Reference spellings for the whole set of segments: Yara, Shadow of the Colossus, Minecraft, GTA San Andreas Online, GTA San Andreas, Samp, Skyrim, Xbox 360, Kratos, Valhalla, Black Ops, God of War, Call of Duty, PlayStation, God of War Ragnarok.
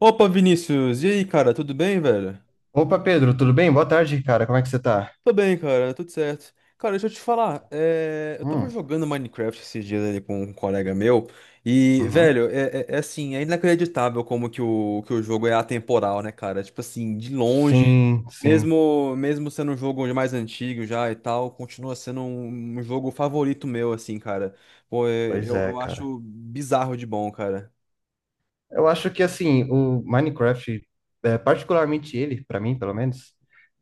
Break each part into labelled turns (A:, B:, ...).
A: Opa, Vinícius! E aí, cara, tudo bem, velho?
B: Opa, Pedro, tudo bem? Boa tarde, cara. Como é que você tá?
A: Tô bem, cara, tudo certo. Cara, deixa eu te falar, eu tava
B: Hum,
A: jogando Minecraft esses dias ali com um colega meu, e,
B: uhum.
A: velho, é assim, é inacreditável como que o jogo é atemporal, né, cara? Tipo assim, de longe,
B: Sim, sim.
A: mesmo sendo um jogo mais antigo já e tal, continua sendo um jogo favorito meu, assim, cara. Pô, é-
B: Pois
A: eu,
B: é,
A: eu
B: cara.
A: acho bizarro de bom, cara.
B: Eu acho que, assim, o Minecraft, particularmente ele, pra mim, pelo menos,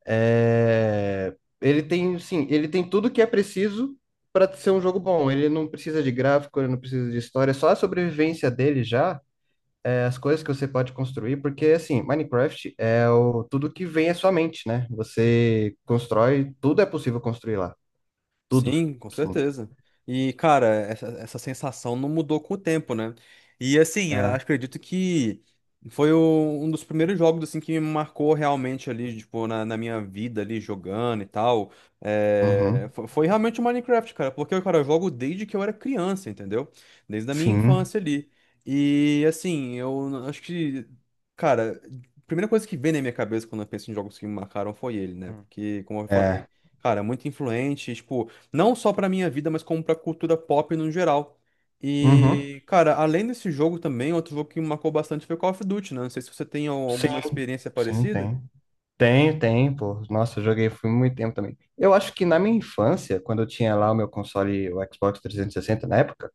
B: é, ele tem, sim, ele tem tudo que é preciso pra ser um jogo bom. Ele não precisa de gráfico, ele não precisa de história, é só a sobrevivência dele já, as coisas que você pode construir, porque, assim, Minecraft é tudo que vem à sua mente, né? Você constrói, tudo é possível construir lá. Tudo.
A: Sim, com
B: Sim.
A: certeza. E, cara, essa sensação não mudou com o tempo, né? E, assim, eu
B: É.
A: acredito que um dos primeiros jogos, assim, que me marcou realmente ali, tipo, na minha vida ali, jogando e tal. É,
B: Uhum.
A: foi realmente o Minecraft, cara, porque, cara, eu jogo desde que eu era criança, entendeu? Desde a minha
B: Sim.
A: infância ali. E, assim, eu acho que, cara, a primeira coisa que vem na minha cabeça quando eu penso em jogos que me marcaram foi ele, né?
B: Hum.
A: Porque, como eu falei,
B: É.
A: cara, é muito influente, tipo não só pra minha vida, mas como pra cultura pop no geral.
B: Uhum.
A: E, cara, além desse jogo também, outro jogo que me marcou bastante foi Call of Duty, né? Não sei se você tem
B: Sim,
A: alguma experiência
B: sim,
A: parecida.
B: tem. Tem, tem, pô. Nossa, eu joguei foi muito tempo também. Eu acho que na minha infância, quando eu tinha lá o meu console, o Xbox 360 na época,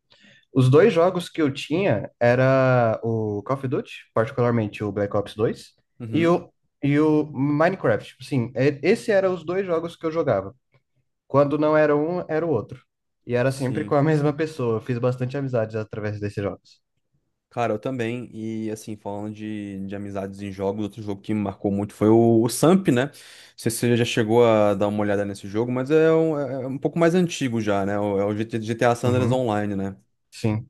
B: os dois jogos que eu tinha era o Call of Duty, particularmente o Black Ops 2 e
A: Uhum,
B: o, e o Minecraft. Sim, esse era os dois jogos que eu jogava. Quando não era um, era o outro. E era sempre com
A: sim.
B: a mesma pessoa. Eu fiz bastante amizades através desses jogos.
A: Cara, eu também. E, assim, falando de amizades em jogos, outro jogo que me marcou muito foi o Samp, né? Não sei se você já chegou a dar uma olhada nesse jogo, mas é um, é um pouco mais antigo já, né? É o GTA San Andreas
B: Uhum.
A: Online, né?
B: Sim.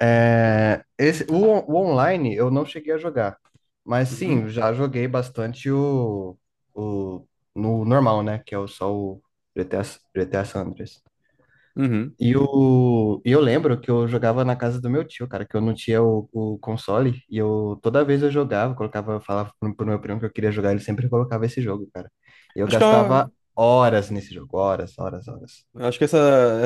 B: O online eu não cheguei a jogar, mas
A: Uhum.
B: sim, já joguei bastante o no normal, né? Que é só o GTA San Andreas.
A: Uhum.
B: E eu lembro que eu jogava na casa do meu tio, cara, que eu não tinha o console, e eu toda vez eu jogava, colocava, falava pro meu primo que eu queria jogar, ele sempre colocava esse jogo, cara. E eu
A: Acho que é
B: gastava
A: uma-
B: horas nesse jogo, horas, horas, horas.
A: Eu acho que essa,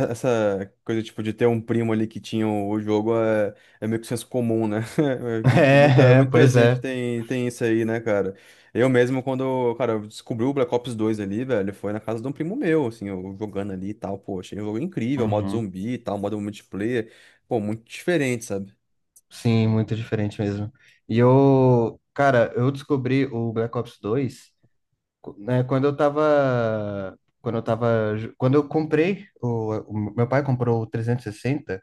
A: essa coisa, tipo, de ter um primo ali que tinha o jogo é, é meio que senso comum, né? É que Muita,
B: É, é,
A: muita
B: pois
A: gente
B: é.
A: tem, tem isso aí, né, cara? Eu mesmo, quando, cara, eu descobri o Black Ops 2 ali, velho, foi na casa de um primo meu, assim, eu jogando ali e tal, pô, achei um jogo incrível, modo
B: Uhum.
A: zumbi e tal, modo multiplayer, pô, muito diferente, sabe?
B: Sim, muito diferente mesmo. E eu, cara, eu descobri o Black Ops 2 né, quando eu tava, quando eu comprei, o meu pai comprou o 360.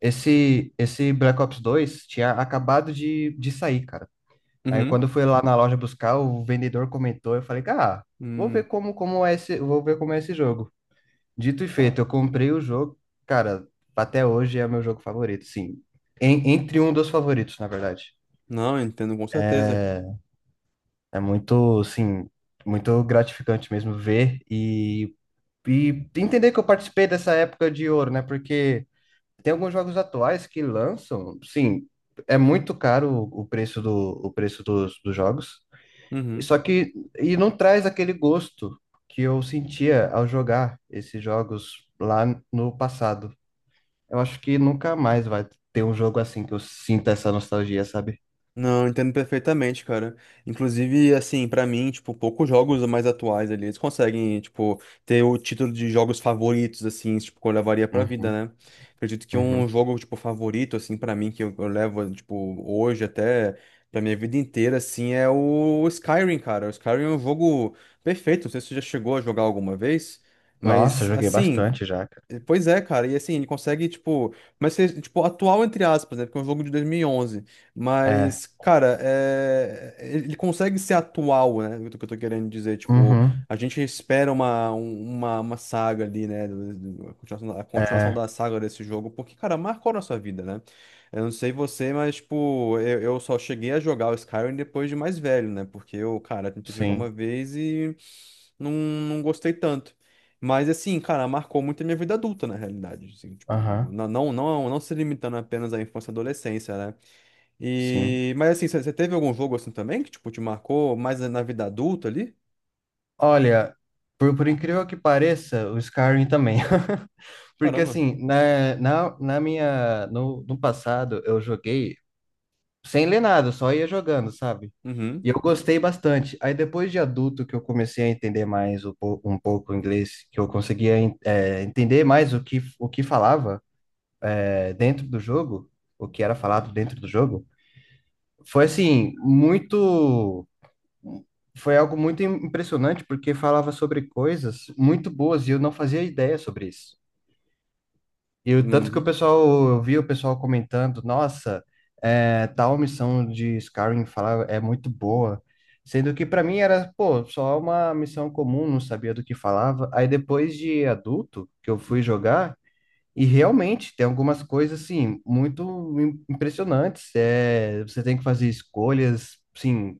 B: Esse Black Ops 2 tinha acabado de sair, cara. Aí quando
A: Uhum.
B: eu fui lá na loja buscar, o vendedor comentou, eu falei, cara, vou ver
A: Hum.
B: como é esse, vou ver como é esse jogo. Dito e feito, eu comprei o jogo, cara, até hoje é meu jogo favorito, sim. Entre um dos favoritos, na verdade.
A: Não, entendo com certeza.
B: É muito, assim, muito gratificante mesmo ver e entender que eu participei dessa época de ouro, né? Porque tem alguns jogos atuais que lançam, sim, é muito caro o preço dos jogos,
A: Uhum.
B: só que e não traz aquele gosto que eu sentia ao jogar esses jogos lá no passado. Eu acho que nunca mais vai ter um jogo assim que eu sinta essa nostalgia, sabe?
A: Não, entendo perfeitamente, cara. Inclusive, assim, pra mim, tipo, poucos jogos mais atuais ali, eles conseguem, tipo, ter o título de jogos favoritos, assim, tipo, que eu levaria pra vida,
B: Uhum,
A: né? Acredito que um
B: uhum.
A: jogo, tipo, favorito, assim, pra mim, que eu levo, tipo, hoje até pra minha vida inteira, assim, é o Skyrim, cara. O Skyrim é um jogo perfeito, não sei se você já chegou a jogar alguma vez,
B: Nossa, eu
A: mas,
B: joguei
A: assim.
B: bastante já, cara.
A: Pois é, cara, e assim, ele consegue, tipo, mas ser, tipo, atual entre aspas, né, porque é um jogo de 2011
B: É,
A: mas, cara, é... ele consegue ser atual, né, o que eu tô querendo dizer, tipo,
B: uhum,
A: a gente espera uma saga ali, né, a continuação
B: é,
A: da saga desse jogo, porque, cara, marcou a nossa vida, né, eu não sei você, mas, tipo, eu só cheguei a jogar o Skyrim depois de mais velho, né, porque eu, cara, tentei jogar uma
B: sim,
A: vez não gostei tanto. Mas assim, cara, marcou muito a minha vida adulta, na realidade. Assim, tipo,
B: aham,
A: não se limitando apenas à infância e adolescência, né?
B: sim.
A: E, mas assim, você teve algum jogo assim também que, tipo, te marcou mais na vida adulta ali?
B: Olha, por incrível que pareça, o Skyrim também. Porque
A: Caramba.
B: assim, na, na, na minha, no, no passado eu joguei sem ler nada, só ia jogando, sabe? E
A: Uhum.
B: eu gostei bastante. Aí depois de adulto que eu comecei a entender mais um pouco o inglês, que eu conseguia entender mais o que falava, dentro do jogo, o que era falado dentro do jogo, foi assim, muito, foi algo muito impressionante, porque falava sobre coisas muito boas e eu não fazia ideia sobre isso. E o tanto que o
A: Uhum.
B: pessoal, eu vi o pessoal comentando, nossa, tal missão de Skyrim falar é muito boa. Sendo que para mim era, pô, só uma missão comum, não sabia do que falava. Aí depois de adulto, que eu fui jogar, e realmente tem algumas coisas, assim, muito impressionantes. É, você tem que fazer escolhas, sim,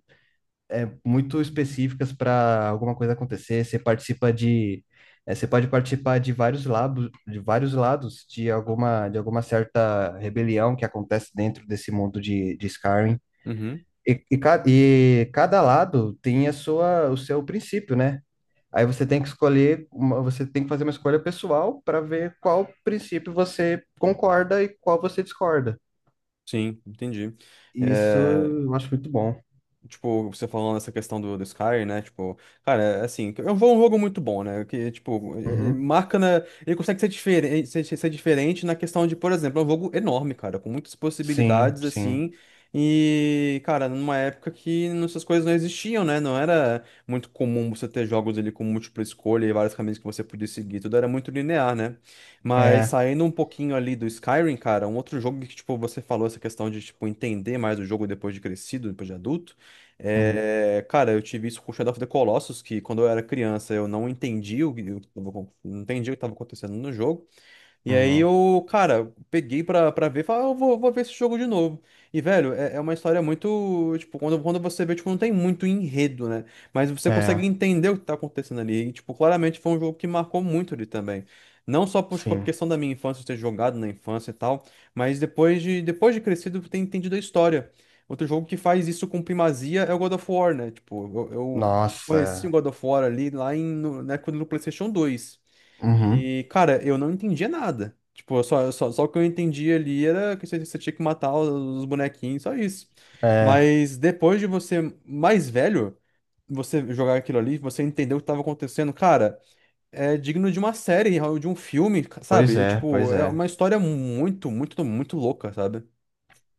B: muito específicas para alguma coisa acontecer. Você pode participar de vários lados de alguma certa rebelião que acontece dentro desse mundo de Skyrim.
A: Uhum.
B: E cada lado tem a sua, o seu princípio, né? Aí você tem que escolher, uma, você tem que fazer uma escolha pessoal para ver qual princípio você concorda e qual você discorda.
A: Sim, entendi.
B: Isso
A: É,
B: eu acho muito bom.
A: tipo, você falando essa questão do Skyrim, né? Tipo, cara, é assim, é um jogo muito bom, né? Que, tipo,
B: Uhum.
A: marca na. Ele consegue ser diferente, ser diferente na questão de, por exemplo, é um jogo enorme, cara, com muitas
B: Sim,
A: possibilidades, assim.
B: sim.
A: E, cara, numa época que essas coisas não existiam, né? Não era muito comum você ter jogos ali com múltipla escolha e vários caminhos que você podia seguir. Tudo era muito linear, né? Mas
B: É.
A: saindo um pouquinho ali do Skyrim, cara, um outro jogo que, tipo, você falou essa questão de, tipo, entender mais o jogo depois de crescido, depois de adulto.
B: Uhum,
A: É, cara, eu tive isso com Shadow of the Colossus, que quando eu era criança eu não entendi o que, o tava não entendi o que estava acontecendo no jogo. E aí
B: uhum.
A: eu, cara, peguei pra ver e falei, ah, vou ver esse jogo de novo. E, velho, é, é uma história muito. Tipo, quando você vê, tipo, não tem muito enredo, né? Mas você consegue
B: É,
A: entender o que tá acontecendo ali. E, tipo, claramente foi um jogo que marcou muito ali também. Não só por, tipo, a
B: sim.
A: questão da minha infância, eu ter jogado na infância e tal, mas depois de crescido, eu ter entendido a história. Outro jogo que faz isso com primazia é o God of War, né? Tipo, eu conheci o
B: Nossa.
A: God of War ali lá em, na época do PlayStation 2
B: Uhum.
A: e, cara, eu não entendia nada. Tipo, só o que eu entendi ali era que você tinha que matar os bonequinhos, só isso.
B: É,
A: Mas depois de você mais velho, você jogar aquilo ali, você entender o que tava acontecendo, cara, é digno de uma série, de um filme,
B: pois
A: sabe? É,
B: é, pois
A: tipo, é
B: é.
A: uma história muito louca, sabe?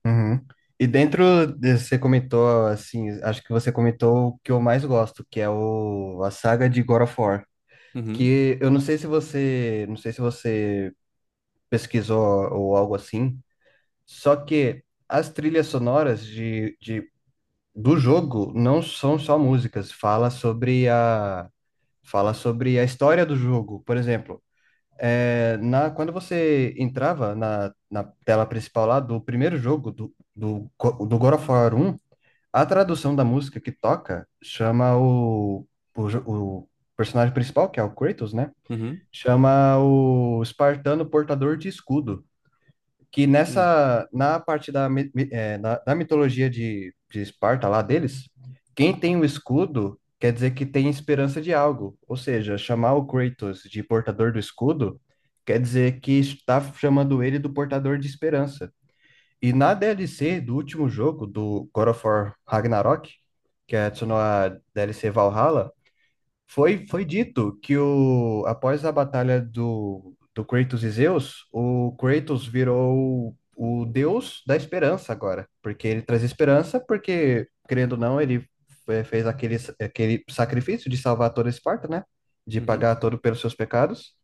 B: Uhum. E dentro, você comentou, assim, acho que você comentou o que eu mais gosto, que é a saga de God of War.
A: Uhum,
B: Que eu não sei se você pesquisou ou algo assim, só que as trilhas sonoras do jogo não são só músicas, fala sobre a história do jogo. Por exemplo, quando você entrava na tela principal lá do primeiro jogo do God of War 1, a tradução da música que toca chama o personagem principal, que é o Kratos, né?
A: uhum,
B: Chama o espartano portador de escudo que
A: uhum,
B: nessa na parte da, mi- mi- eh, na- da mitologia de Esparta lá deles, quem tem o escudo quer dizer que tem esperança de algo. Ou seja, chamar o Kratos de portador do escudo quer dizer que está chamando ele do portador de esperança. E na DLC do último jogo, do God of War Ragnarok, que adicionou a DLC Valhalla, foi dito que após a batalha do Kratos e Zeus, o Kratos virou o deus da esperança agora, porque ele traz esperança, porque, querendo ou não, ele fez aquele sacrifício de salvar toda Esparta, né? De
A: uhum,
B: pagar todo pelos seus pecados.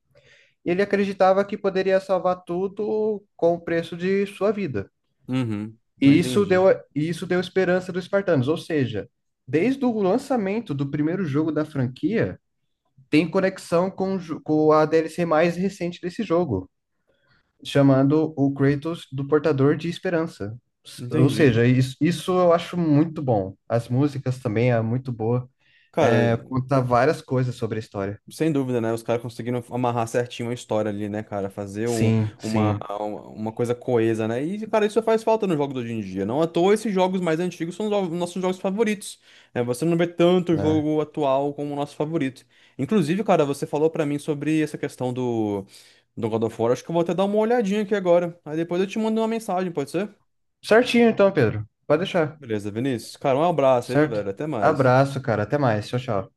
B: E ele acreditava que poderia salvar tudo com o preço de sua vida.
A: uhum. Não
B: E isso
A: entendi.
B: deu, e isso deu esperança dos espartanos, ou seja, desde o lançamento do primeiro jogo da franquia tem conexão com a DLC mais recente desse jogo, chamando o Kratos do Portador de Esperança. Ou
A: Entendi.
B: seja, isso eu acho muito bom. As músicas também é muito boa.
A: Cara,
B: É, conta várias coisas sobre a história.
A: sem dúvida, né? Os caras conseguiram amarrar certinho a história ali, né, cara?
B: Sim,
A: Uma,
B: sim.
A: uma coisa coesa, né? E, cara, isso faz falta nos jogos de hoje em dia. Não à toa, esses jogos mais antigos são nossos jogos favoritos. Né? Você não vê tanto
B: Né.
A: jogo atual como o nosso favorito. Inclusive, cara, você falou pra mim sobre essa questão do God of War. Acho que eu vou até dar uma olhadinha aqui agora. Aí depois eu te mando uma mensagem, pode ser?
B: Certinho então, Pedro. Pode deixar.
A: Beleza, Vinícius. Cara, um abraço aí,
B: Certo?
A: velho. Até mais.
B: Abraço, cara. Até mais. Tchau, tchau.